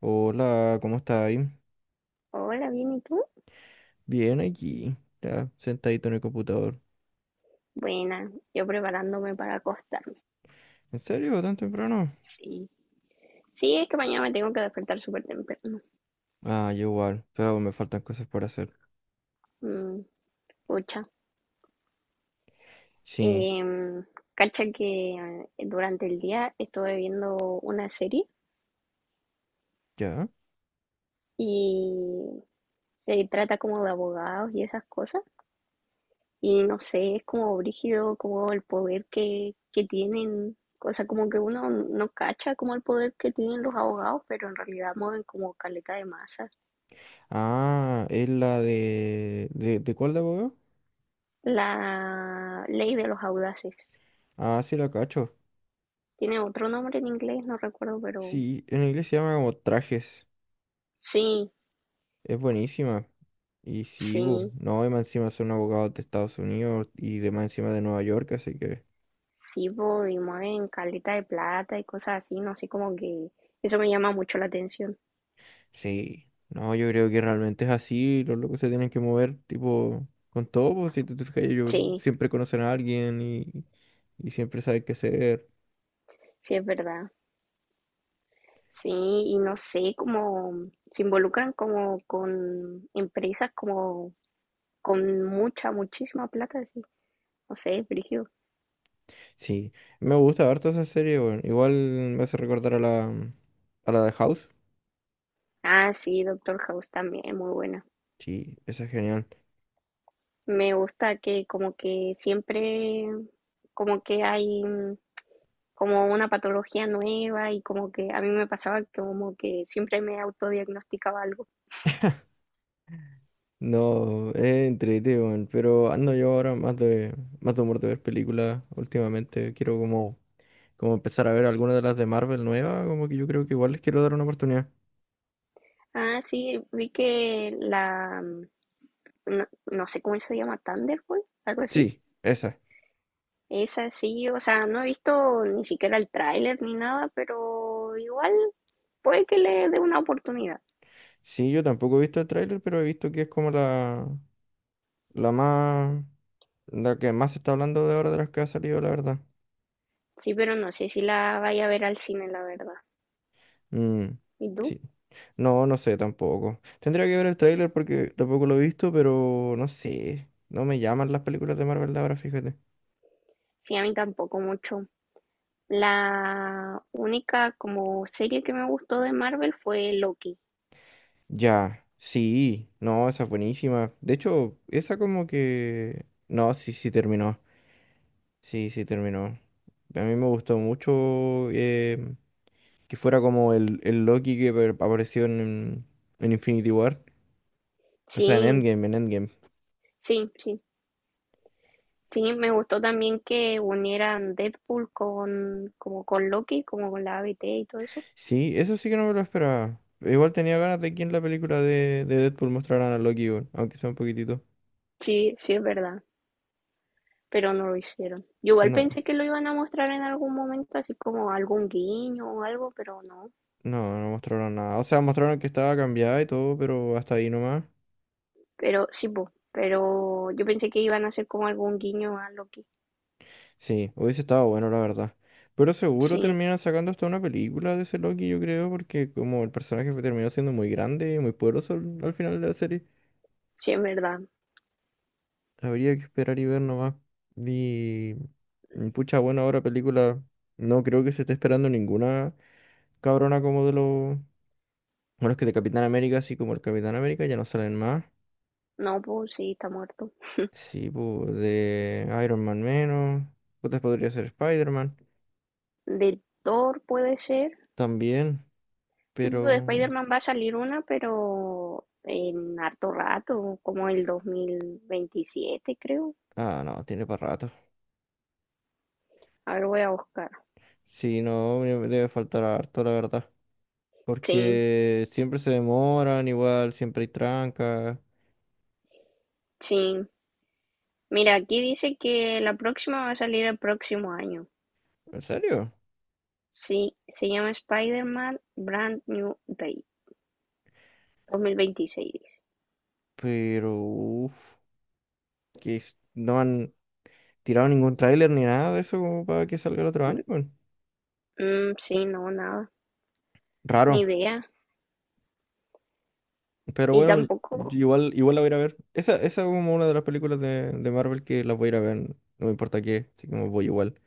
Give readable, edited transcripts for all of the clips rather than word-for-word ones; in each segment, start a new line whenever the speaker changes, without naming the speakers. Hola, ¿cómo estáis?
Hola, bien, ¿y tú?
Bien aquí, ya, sentadito en el computador.
Buena, yo preparándome para acostarme.
¿En serio? ¿Tan temprano?
Sí, sí, es que mañana me tengo que despertar súper temprano.
Ah, yo igual, pero me faltan cosas por hacer.
Mm, pucha.
Sí,
Em, cacha que durante el día estuve viendo una serie
ya.
y se trata como de abogados y esas cosas. Y no sé, es como brígido, como el poder que tienen. O sea, como que uno no cacha como el poder que tienen los abogados, pero en realidad mueven como caleta de masa.
Ah, es la de... ¿De cuál de abogado?
La ley de los audaces.
Ah, sí, la cacho.
Tiene otro nombre en inglés, no recuerdo, pero
Sí, en inglés se llama como trajes.
sí,
Es buenísima. Y sí, bu,
sí,
no, y más encima son abogados de Estados Unidos y de más encima de Nueva York, así que...
sí, voy, mueven caleta de plata y cosas así, no sé, como que eso me llama mucho la atención.
Sí, no, yo creo que realmente es así, los locos se tienen que mover, tipo, con todo, pues, si tú te fijas, ellos
Sí,
siempre conocen a alguien y siempre saben qué hacer.
sí, es verdad. Sí, y no sé, como se involucran como con empresas como con mucha, muchísima plata, sí. No sé, brígido.
Sí, me gusta harto esa serie, bueno, igual me hace recordar a la de House.
Ah, sí, Doctor House también, muy buena.
Sí, esa es genial.
Me gusta que como que siempre como que hay como una patología nueva y como que a mí me pasaba que como que siempre me autodiagnosticaba algo.
No, es entrete, weón, pero ando yo ahora más de humor de ver películas últimamente, quiero como, como empezar a ver algunas de las de Marvel nuevas, como que yo creo que igual les quiero dar una oportunidad.
Ah, sí, vi que la, no, no sé cómo se llama, Thunderbolt, algo así.
Sí, esa.
Esa sí, o sea, no he visto ni siquiera el tráiler ni nada, pero igual puede que le dé una oportunidad.
Sí, yo tampoco he visto el tráiler, pero he visto que es como la más, la que más se está hablando de ahora de las que ha salido, la verdad.
Sí, pero no sé si la vaya a ver al cine, la verdad.
Mm,
¿Y tú?
sí. No, no sé tampoco. Tendría que ver el tráiler porque tampoco lo he visto, pero no sé. No me llaman las películas de Marvel de ahora, fíjate.
Sí, a mí tampoco mucho. La única como serie que me gustó de Marvel fue Loki.
Ya, sí, no, esa es buenísima. De hecho, esa como que... No, sí, sí terminó. Sí, sí terminó. A mí me gustó mucho. Que fuera como el Loki que apareció en Infinity War. O sea, en
Sí,
Endgame, en Endgame.
sí, sí. Sí, me gustó también que unieran Deadpool con como con Loki, como con la A B T y todo eso.
Sí, eso sí que no me lo esperaba. Igual tenía ganas de que en la película de Deadpool mostraran a Loki, weón, aunque sea un poquitito.
Sí, sí es verdad, pero no lo hicieron. Yo igual
No,
pensé que lo iban a mostrar en algún momento, así como algún guiño o algo, pero no.
no, no mostraron nada. O sea, mostraron que estaba cambiada y todo, pero hasta ahí nomás.
Pero sí, po, pero yo pensé que iban a hacer como algún guiño a Loki.
Sí, hubiese estado bueno, la verdad. Pero seguro
Sí,
terminan sacando hasta una película de ese Loki, yo creo, porque como el personaje terminó siendo muy grande y muy poderoso al final de la serie.
sí es verdad.
Habría que esperar y ver nomás. Y pucha, bueno, ahora película. No creo que se esté esperando ninguna cabrona como de los. Bueno, es que de Capitán América, así como el Capitán América, ya no salen más.
No, pues sí, está muerto.
Sí, pues de Iron Man menos. Putas podría ser Spider-Man
De Thor puede ser.
también,
Sí, pues, de
pero.
Spider-Man va a salir una, pero en harto rato, como el 2027, creo.
Ah, no, tiene para rato.
A ver, voy a buscar.
Sí, no, me debe faltar harto, la verdad.
Sí,
Porque siempre se demoran, igual, siempre hay trancas.
sí. Mira, aquí dice que la próxima va a salir el próximo año.
¿En serio?
Sí, se llama Spider-Man Brand New Day 2026. Dice.
Pero, uff. Que no han tirado ningún tráiler ni nada de eso como para que salga el otro año, weón.
Mm, sí, no, nada, ni
Raro.
idea.
Pero
Y
bueno,
tampoco,
igual, igual la voy a ir a ver. Esa es como una de las películas de Marvel que las voy a ir a ver. No me importa qué, así que me voy igual.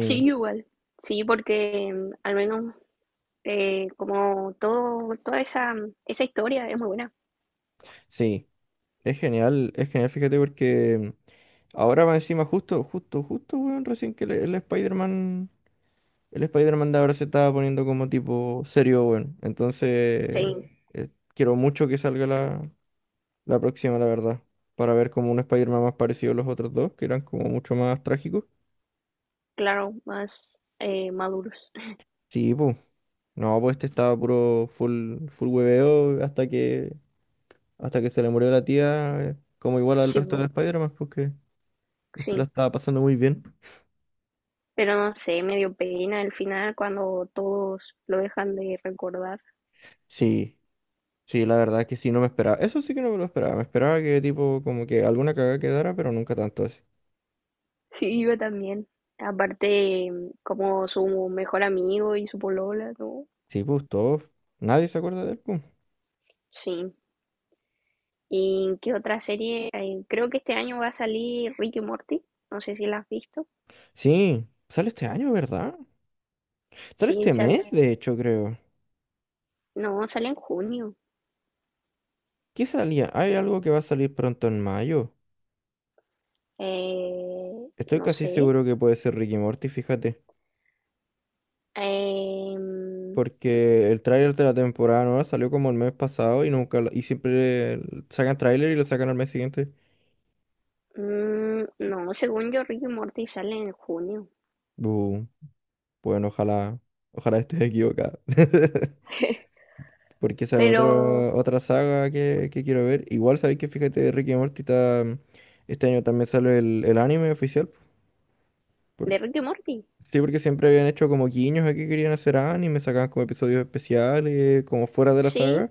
sí, igual. Sí, porque al menos como todo, toda esa historia es muy buena.
sí. Es genial, fíjate, porque ahora más encima justo, justo, justo, weón, recién que el Spider-Man de ahora se estaba poniendo como tipo serio, weón. Entonces,
Sí,
eh, quiero mucho que salga la, la próxima, la verdad. Para ver como un Spider-Man más parecido a los otros dos, que eran como mucho más trágicos.
claro, más maduros.
Sí, pues. No, pues este estaba puro full, full hueveo hasta que se le murió la tía, como igual al
Sí,
resto de
po,
Spider-Man, porque este la
sí.
estaba pasando muy bien.
Pero no sé, me dio pena el final cuando todos lo dejan de recordar.
Sí, sí, la verdad es que sí, no me esperaba. Eso sí que no me lo esperaba. Me esperaba que tipo, como que alguna cagada quedara, pero nunca tanto así.
Sí, yo también. Aparte, como su mejor amigo y su polola, ¿no?
Sí, pues todos. Nadie se acuerda de él, pues.
Sí. ¿Y qué otra serie? Creo que este año va a salir Rick y Morty. No sé si la has visto.
Sí, sale este año, ¿verdad? Sale
Sí,
este
sale.
mes, de hecho, creo.
No, sale en junio.
¿Qué salía? Hay algo que va a salir pronto en mayo.
Eh,
Estoy
no
casi
sé.
seguro que puede ser Ricky Morty, fíjate.
Em,
Porque el tráiler de la temporada nueva salió como el mes pasado y nunca y siempre sacan tráiler y lo sacan al mes siguiente.
Mm, no, según yo, Rick y Morty sale en junio.
Bu, bueno, ojalá, ojalá estés equivocado. Porque esa es
Pero,
otra, otra saga que quiero ver. Igual sabéis que fíjate, Ricky Morty está, este año también sale el anime oficial.
¿de Rick y Morty?
Sí, porque siempre habían hecho como guiños a que querían hacer anime, sacaban como episodios especiales, como fuera de la saga.
Sí,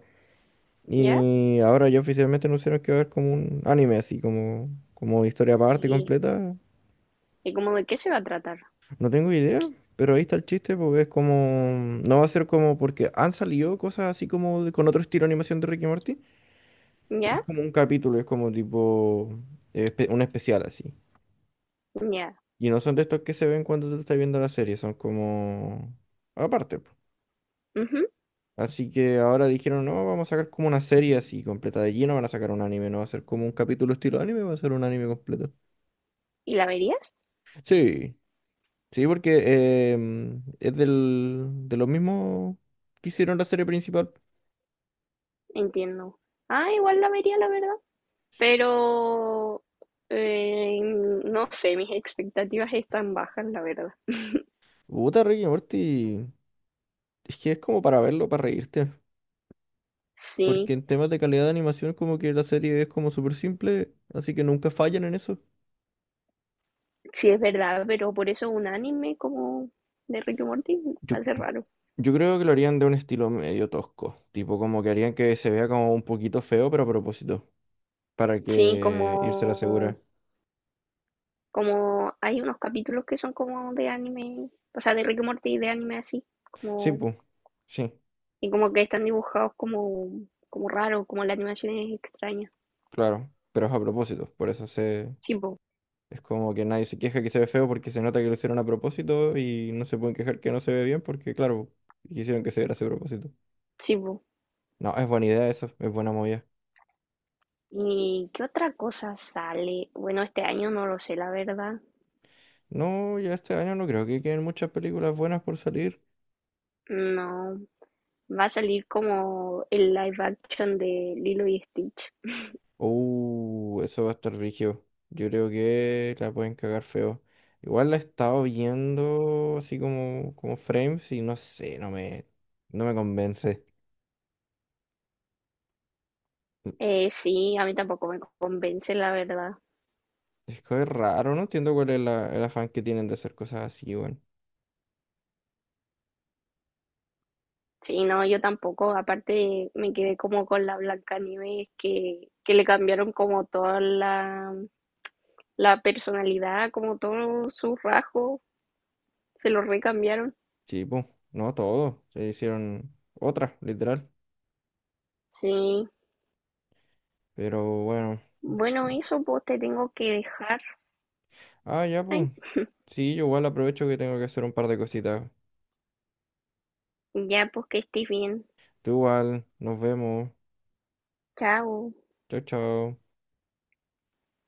¿ya?
Y ahora ya oficialmente anunciaron que va a haber como un anime así, como, como historia aparte
¿Y,
completa.
y como de qué se va a tratar?
No tengo idea, pero ahí está el chiste, porque es como... No va a ser como porque han salido cosas así como con otro estilo de animación de Ricky Morty. Es
¿Ya?
como un capítulo, es como tipo un especial así.
¿Ya?
Y no son de estos que se ven cuando tú estás viendo la serie, son como... Aparte.
Ujú.
Así que ahora dijeron, no, vamos a sacar como una serie así completa de lleno, van a sacar un anime, no va a ser como un capítulo estilo anime, va a ser un anime completo.
¿Y la verías?
Sí, sí, porque es de los mismos que hicieron la serie principal.
Entiendo. Ah, igual la vería, la verdad. Pero, no sé, mis expectativas están bajas, la verdad.
Puta, Rick y Morty, es que es como para verlo, para reírte. Porque
Sí,
en temas de calidad de animación, como que la serie es como súper simple, así que nunca fallan en eso.
sí es verdad, pero por eso un anime como de Rick y Morty
Yo,
va a ser raro.
yo creo que lo harían de un estilo medio tosco, tipo como que harían que se vea como un poquito feo, pero a propósito. Para
Sí,
que irse a la
como
segura.
como hay unos capítulos que son como de anime, o sea, de Rick y Morty de anime así,
Sí,
como
pues, sí,
y como que están dibujados como como raro, como la animación es extraña.
claro, pero es a propósito, por eso se...
Sí, po,
Es como que nadie se queja que se ve feo porque se nota que lo hicieron a propósito y no se pueden quejar que no se ve bien porque, claro, quisieron que se viera a ese propósito.
sí, po.
No, es buena idea eso, es buena movida.
¿Y qué otra cosa sale? Bueno, este año no lo sé, la verdad.
No, ya este año no creo que queden muchas películas buenas por salir.
No, va a salir como el live action de Lilo y Stitch.
Eso va a estar rígido. Yo creo que la pueden cagar feo. Igual la he estado viendo así como, como frames y no sé, no me convence.
Sí, a mí tampoco me convence, la verdad.
Es que es raro, no entiendo cuál es el afán que tienen de hacer cosas así, bueno.
Sí, no, yo tampoco. Aparte, me quedé como con la Blancanieves que le cambiaron como toda la, la personalidad, como todos sus rasgos, se los recambiaron.
Sí, pues, no todo. Se hicieron otras, literal.
Sí,
Pero bueno.
bueno, eso pues te tengo que dejar.
Ah, ya,
Ay,
pues. Sí, yo igual aprovecho que tengo que hacer un par de cositas.
ya pues que estés bien.
Tú igual, nos vemos.
Chao.
Chao, chao.